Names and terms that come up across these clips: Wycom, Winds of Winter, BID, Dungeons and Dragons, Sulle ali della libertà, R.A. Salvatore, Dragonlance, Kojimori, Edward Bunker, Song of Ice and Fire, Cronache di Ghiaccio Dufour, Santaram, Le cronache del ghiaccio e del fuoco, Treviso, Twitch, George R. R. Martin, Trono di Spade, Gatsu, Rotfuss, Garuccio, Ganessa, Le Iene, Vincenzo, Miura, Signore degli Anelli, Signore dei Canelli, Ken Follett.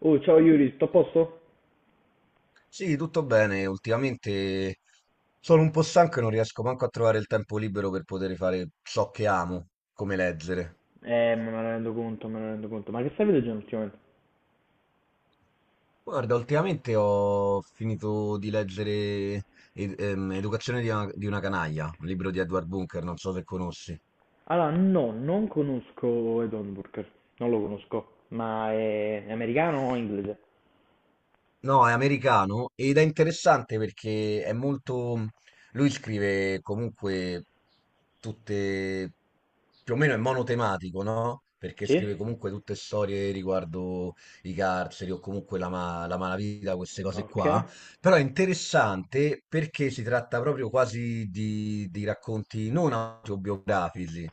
Oh, ciao Yuri, tutto a posto? Sì, tutto bene. Ultimamente sono un po' stanco e non riesco manco a trovare il tempo libero per poter fare ciò che amo, come leggere. Me ne rendo conto, me ne rendo conto. Ma che stai leggendo ultimamente? Guarda, ultimamente ho finito di leggere Educazione di una canaglia, un libro di Edward Bunker, non so se conosci. Allora, no, non conosco Ed Burger, non lo conosco. Ma è americano o inglese? No, è americano ed è interessante perché è molto. Lui scrive comunque tutte. Più o meno è monotematico, no? Perché scrive Sì? comunque tutte storie riguardo i carceri o comunque la malavita, queste cose Ok, qua. Però è interessante perché si tratta proprio quasi di racconti non autobiografici,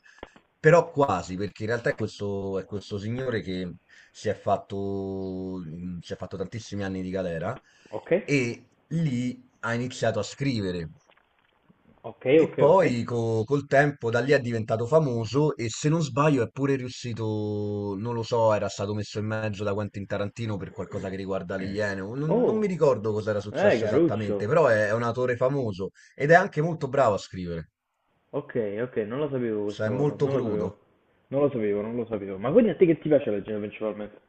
però quasi, perché in realtà è questo signore che si è fatto tantissimi anni di galera ok, e lì ha iniziato a scrivere. ok, E ok, ok. poi col tempo da lì è diventato famoso e se non sbaglio è pure riuscito, non lo so, era stato messo in mezzo da Quentin Tarantino per qualcosa che riguarda le Iene. O non Oh, mi ricordo cosa era successo Garuccio. esattamente, però è un autore famoso ed è anche molto bravo a scrivere, Ok, ok, non lo sapevo cioè questa è cosa, molto non lo sapevo. crudo. Non lo sapevo, non lo sapevo. Ma quindi a te che ti piace leggere principalmente?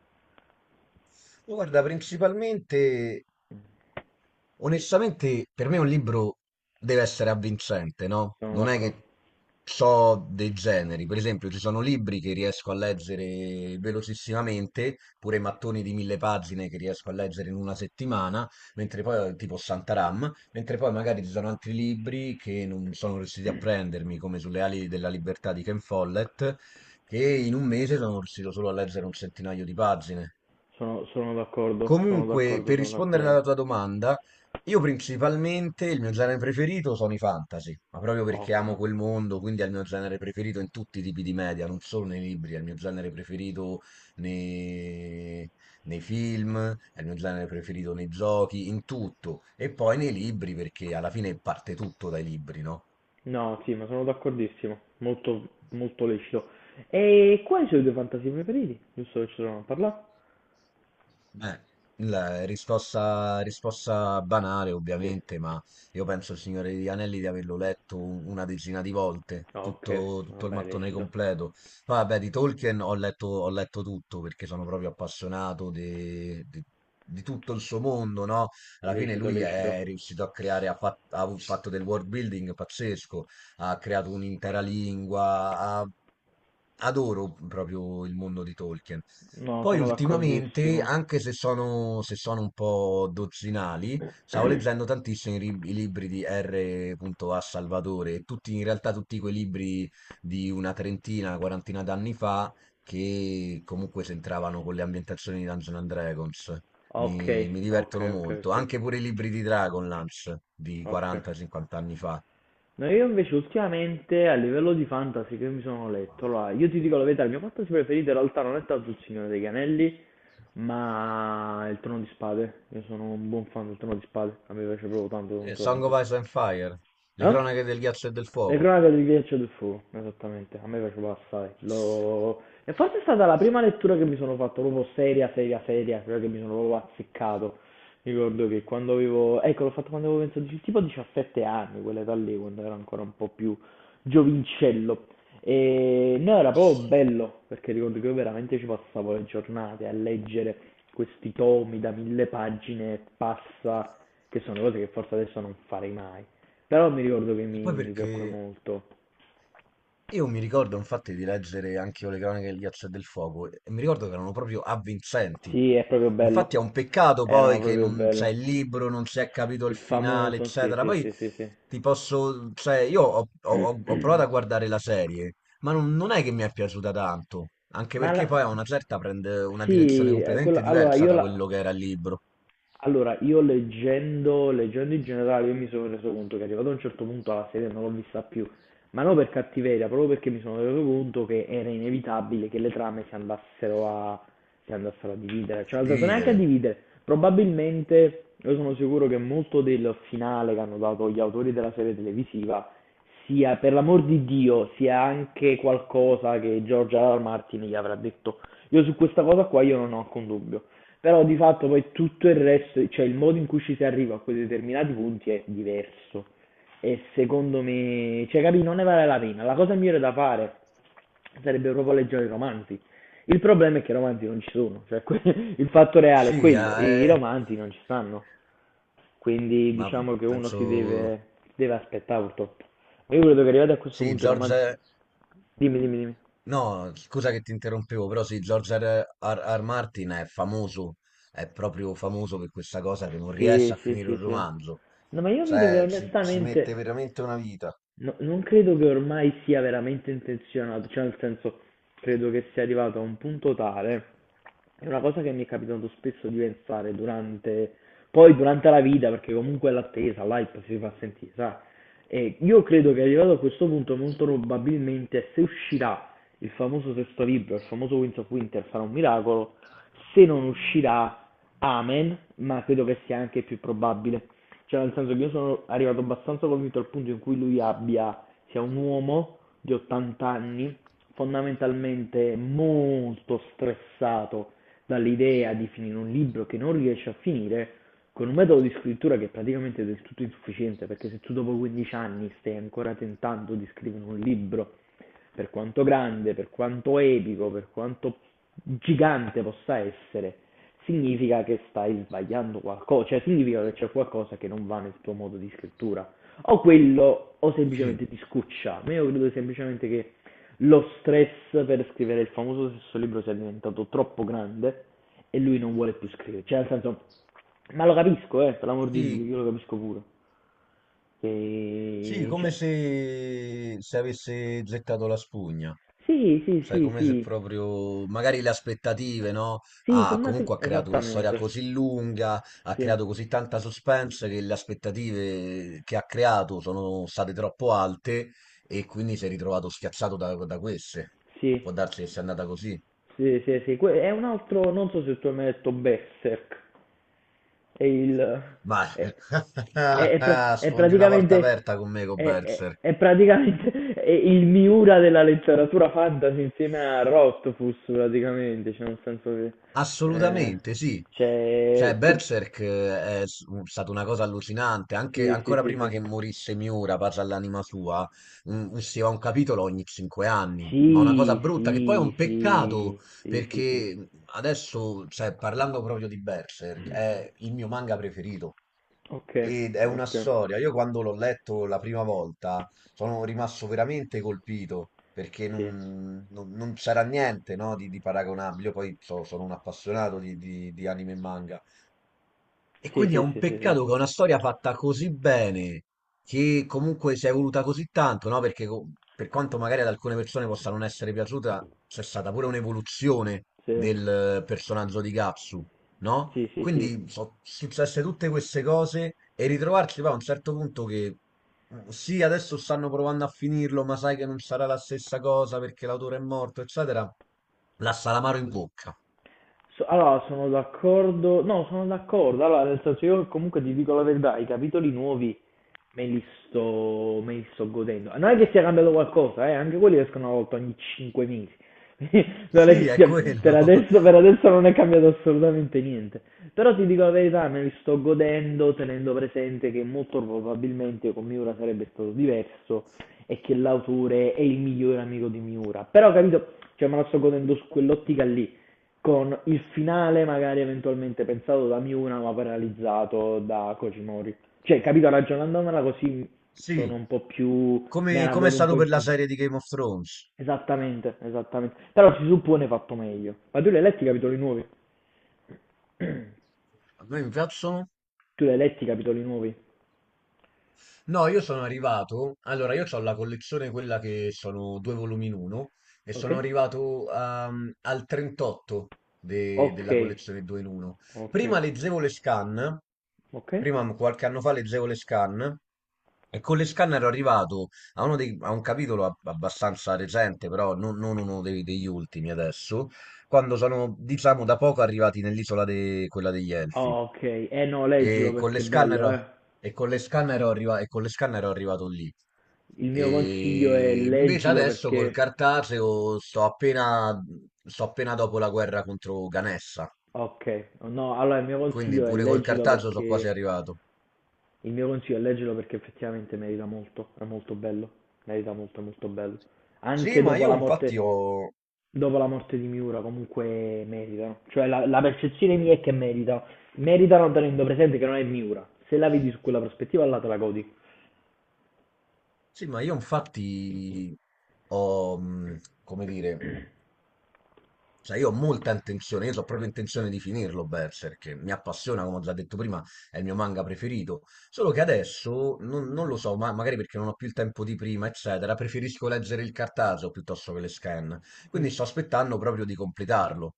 Guarda, principalmente. Onestamente, per me un libro deve essere avvincente, no? Sono Non è d'accordo, che so dei generi. Per esempio, ci sono libri che riesco a leggere velocissimamente, pure mattoni di mille pagine che riesco a leggere in una settimana, mentre poi, tipo Santaram, mentre poi magari ci sono altri libri che non sono riusciti a prendermi, come Sulle ali della libertà di Ken Follett, che in un mese sono riuscito solo a leggere un centinaio di pagine. sono d'accordo, sono Comunque, d'accordo, per sono rispondere d'accordo. alla tua domanda, io principalmente il mio genere preferito sono i fantasy, ma proprio perché Ok. amo quel mondo, quindi è il mio genere preferito in tutti i tipi di media, non solo nei libri, è il mio genere preferito nei, nei film, è il mio genere preferito nei giochi, in tutto. E poi nei libri, perché alla fine parte tutto dai libri, no? No, sì, ma sono d'accordissimo. Molto, molto lecito. E quali sono i tuoi fantasy preferiti? Giusto che ci sono a parlare? Eh, la risposta, risposta banale, Sì. ovviamente, ma io penso il Signore degli Anelli di averlo letto una decina di volte, Ah, ok, tutto, tutto il vabbè, mattone lecito, completo. Poi, vabbè, di Tolkien ho letto tutto perché sono proprio appassionato di tutto il suo mondo, no? Alla fine lecito, lui lecito. è riuscito a creare, ha fatto del world building pazzesco, ha creato un'intera lingua, ha- adoro proprio il mondo di Tolkien. No, Poi sono ultimamente, d'accordissimo. anche se sono un po' dozzinali, stavo leggendo tantissimo i libri di R.A. Salvatore, tutti, in realtà tutti quei libri di una trentina, una quarantina d'anni fa, che comunque s'entravano con le ambientazioni di Dungeons and Dragons. Ok, Mi ok, divertono ok, molto, ok, anche pure i libri di Dragonlance di ok. 40-50 anni fa. No, io invece ultimamente a livello di fantasy che mi sono letto, allora io ti dico la verità, il mio fantasy preferito in realtà non è tanto il Signore dei Canelli, ma il Trono di Spade. Io sono un buon fan del Trono di Spade, a me piace proprio tanto, tanto, Song of tanto. Ice and Fire, Le Eh? cronache del ghiaccio e del Le fuoco. cronache di Ghiaccio Dufour, esattamente, a me piaceva assai. E forse è stata la prima lettura che mi sono fatto, proprio seria, seria, seria, quella che mi sono proprio azzeccato. Mi ricordo che quando avevo, ecco, l'ho fatto quando avevo penso tipo 17 anni, quell'età lì, quando ero ancora un po' più giovincello. E no, era proprio bello, perché ricordo che io veramente ci passavo le giornate a leggere questi tomi da 1000 pagine e passa, che sono cose che forse adesso non farei mai. Però mi ricordo che Poi mi piacque perché molto. Io mi ricordo infatti di leggere anche io le cronache del ghiaccio e del fuoco e mi ricordo che erano proprio avvincenti. Sì, è proprio bello. Infatti è un peccato Era poi che proprio non c'è bello. il libro, non si è capito il Il finale, famoso, sì, eccetera. sì, Poi, sì, sì, sì. Cioè io ho provato a guardare la serie, ma non è che mi è piaciuta tanto, anche Ma perché la- poi a una certa prende una direzione sì, completamente allora diversa io da la... quello che era il libro, Allora, io leggendo, in generale, io mi sono reso conto che arrivato a un certo punto la serie non l'ho vista più, ma non per cattiveria, proprio perché mi sono reso conto che era inevitabile che le trame si andassero a dividere, a cioè non andassero neanche a dividere. dividere, probabilmente. Io sono sicuro che molto del finale che hanno dato gli autori della serie televisiva sia, per l'amor di Dio, sia anche qualcosa che George R. R. Martin gli avrà detto. Io su questa cosa qua io non ho alcun dubbio. Però di fatto poi tutto il resto, cioè il modo in cui ci si arriva a quei determinati punti è diverso. E secondo me, cioè capì, non ne vale la pena. La cosa migliore da fare sarebbe proprio leggere i romanzi. Il problema è che i romanzi non ci sono, cioè il fatto reale è Sì, quello, i eh, romanzi non ci stanno. Quindi ma diciamo che penso, deve aspettare purtroppo. Ma io credo che arrivati a questo sì, punto i romanzi... George. Dimmi, dimmi, dimmi. No, scusa che ti interrompevo, però sì, George R. R. Martin è famoso, è proprio famoso per questa cosa che non riesce Sì, a sì, finire un sì, sì. romanzo, No, ma io credo che cioè ci mette onestamente... veramente una vita. Non credo che ormai sia veramente intenzionato, cioè nel senso, credo che sia arrivato a un punto tale, è una cosa che mi è capitato spesso di pensare durante, poi durante la vita, perché comunque l'attesa, l'hype si fa sentire, sai? E io credo che arrivato a questo punto molto probabilmente se uscirà il famoso sesto libro, il famoso Winds of Winter sarà un miracolo, se non uscirà Amen, ma credo che sia anche più probabile. Cioè nel senso che io sono arrivato abbastanza convinto al punto in cui lui abbia, sia un uomo di 80 anni, fondamentalmente molto stressato dall'idea di finire un libro che non riesce a finire, con un metodo di scrittura che è del tutto insufficiente, perché se tu dopo 15 anni stai ancora tentando di scrivere un libro, per quanto grande, per quanto epico, per quanto gigante possa essere, significa che stai sbagliando qualcosa, cioè significa che c'è qualcosa che non va nel tuo modo di scrittura. O quello, o Sì, semplicemente ti scuccia. Ma io credo semplicemente che lo stress per scrivere il famoso stesso libro sia diventato troppo grande e lui non vuole più scrivere. Cioè, nel senso, ma lo capisco, per l'amor di Dio, sì, io lo capisco pure. sì, Che... come Cioè, se avesse gettato la spugna. sì, sì, Cioè, sì, come se sì, proprio, magari le aspettative, no? sì, insomma, sì, Comunque ha creato una storia esattamente, così lunga, ha sì, creato così tanta suspense che le aspettative che ha creato sono state troppo alte e quindi si è ritrovato schiacciato da queste. Può sì, darsi che sia andata così. sì, sì, sì. È un altro, non so se tu hai mai detto Berserk, è il... Ma è, è sfondi una porta praticamente... aperta con me, con Berserk. è praticamente è il Miura della letteratura fantasy insieme a Rotfuss, praticamente, cioè nel senso che... eh, Assolutamente sì. Cioè, cioè... Berserk è stata una cosa allucinante, anche sì, sì, ancora sì, prima sì. che morisse Miura, parla all'anima sua, usciva un capitolo ogni 5 anni, ma una cosa Sì, brutta che poi è sì, un peccato, sì, sì, sì, sì. perché adesso, cioè, parlando proprio di Berserk, è il mio manga preferito. Okay, Ed è una okay. storia. Io quando l'ho letto la prima volta sono rimasto veramente colpito perché Sì. Non c'era niente, no, di paragonabile. Io poi sono un appassionato di anime e manga. E Sì, quindi è sì, un sì, sì, sì. peccato che una storia fatta così bene, che comunque si è evoluta così tanto, no? Perché per quanto magari ad alcune persone possa non essere piaciuta, c'è stata pure un'evoluzione Sì, del personaggio di Gatsu, no? sì, sì, sì. Quindi sono successe tutte queste cose e ritrovarci poi a un certo punto che sì, adesso stanno provando a finirlo, ma sai che non sarà la stessa cosa perché l'autore è morto, eccetera. La salamaro in bocca. So allora sono d'accordo no, sono d'accordo. Allora nel senso io comunque ti dico la verità, i capitoli nuovi me li sto godendo. Non è che sia cambiato qualcosa, eh? Anche quelli escono una volta ogni 5 mesi. non è Sì, che è sia, quello. Per adesso non è cambiato assolutamente niente. Però ti dico la verità, me li sto godendo tenendo presente che molto probabilmente con Miura sarebbe stato diverso e che l'autore è il migliore amico di Miura. Però capito, cioè me la sto godendo su quell'ottica lì, con il finale magari eventualmente pensato da Miura ma paralizzato da Kojimori. Cioè, capito, ragionandomela così sono Sì. un po' più... me Come la come è godo un stato po' in per la più. serie di Game of Thrones? Esattamente, esattamente. Però si suppone fatto meglio. Ma tu li hai letti i capitoli nuovi? A me mi piacciono. Tu li hai letti i capitoli nuovi? No, io sono arrivato. Allora, io ho la collezione quella che sono due volumi in uno e Ok? sono arrivato al 38 Ok, della collezione 2 in 1. ok, Prima leggevo le scan, ok. Qualche anno fa leggevo le scan e con le scan ero arrivato a un capitolo abbastanza recente, però non degli ultimi adesso, quando sono, diciamo, da poco arrivati nell'isola quella degli Elfi. Oh, ok, eh no, leggilo E con perché le è scanner, bello, ho- eh. E con le scanner ho arrivato lì. Il mio consiglio è E invece leggilo adesso col perché... cartaceo sto appena dopo la guerra contro Ganessa, Ok, no, allora il mio quindi consiglio è pure col leggilo cartaceo sono quasi perché... arrivato. Il mio consiglio è leggilo perché effettivamente merita molto, è molto bello, merita molto, è molto bello. Sì, Anche ma dopo io la infatti morte, ho. dopo la morte di Miura comunque meritano, cioè la percezione mia è che meritano, meritano tenendo presente che non è Miura, se la vedi su quella prospettiva là te la godi. Sì, ma io infatti come dire, cioè io ho molta intenzione, io ho proprio intenzione di finirlo Berserk, mi appassiona, come ho già detto prima, è il mio manga preferito. Solo che adesso, non lo so, ma magari perché non ho più il tempo di prima, eccetera, preferisco leggere il cartaceo piuttosto che le scan. Mm. Quindi sto aspettando proprio di completarlo,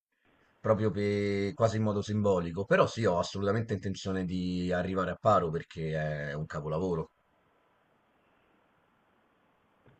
proprio quasi in modo simbolico. Però sì, ho assolutamente intenzione di arrivare a paro perché è un capolavoro.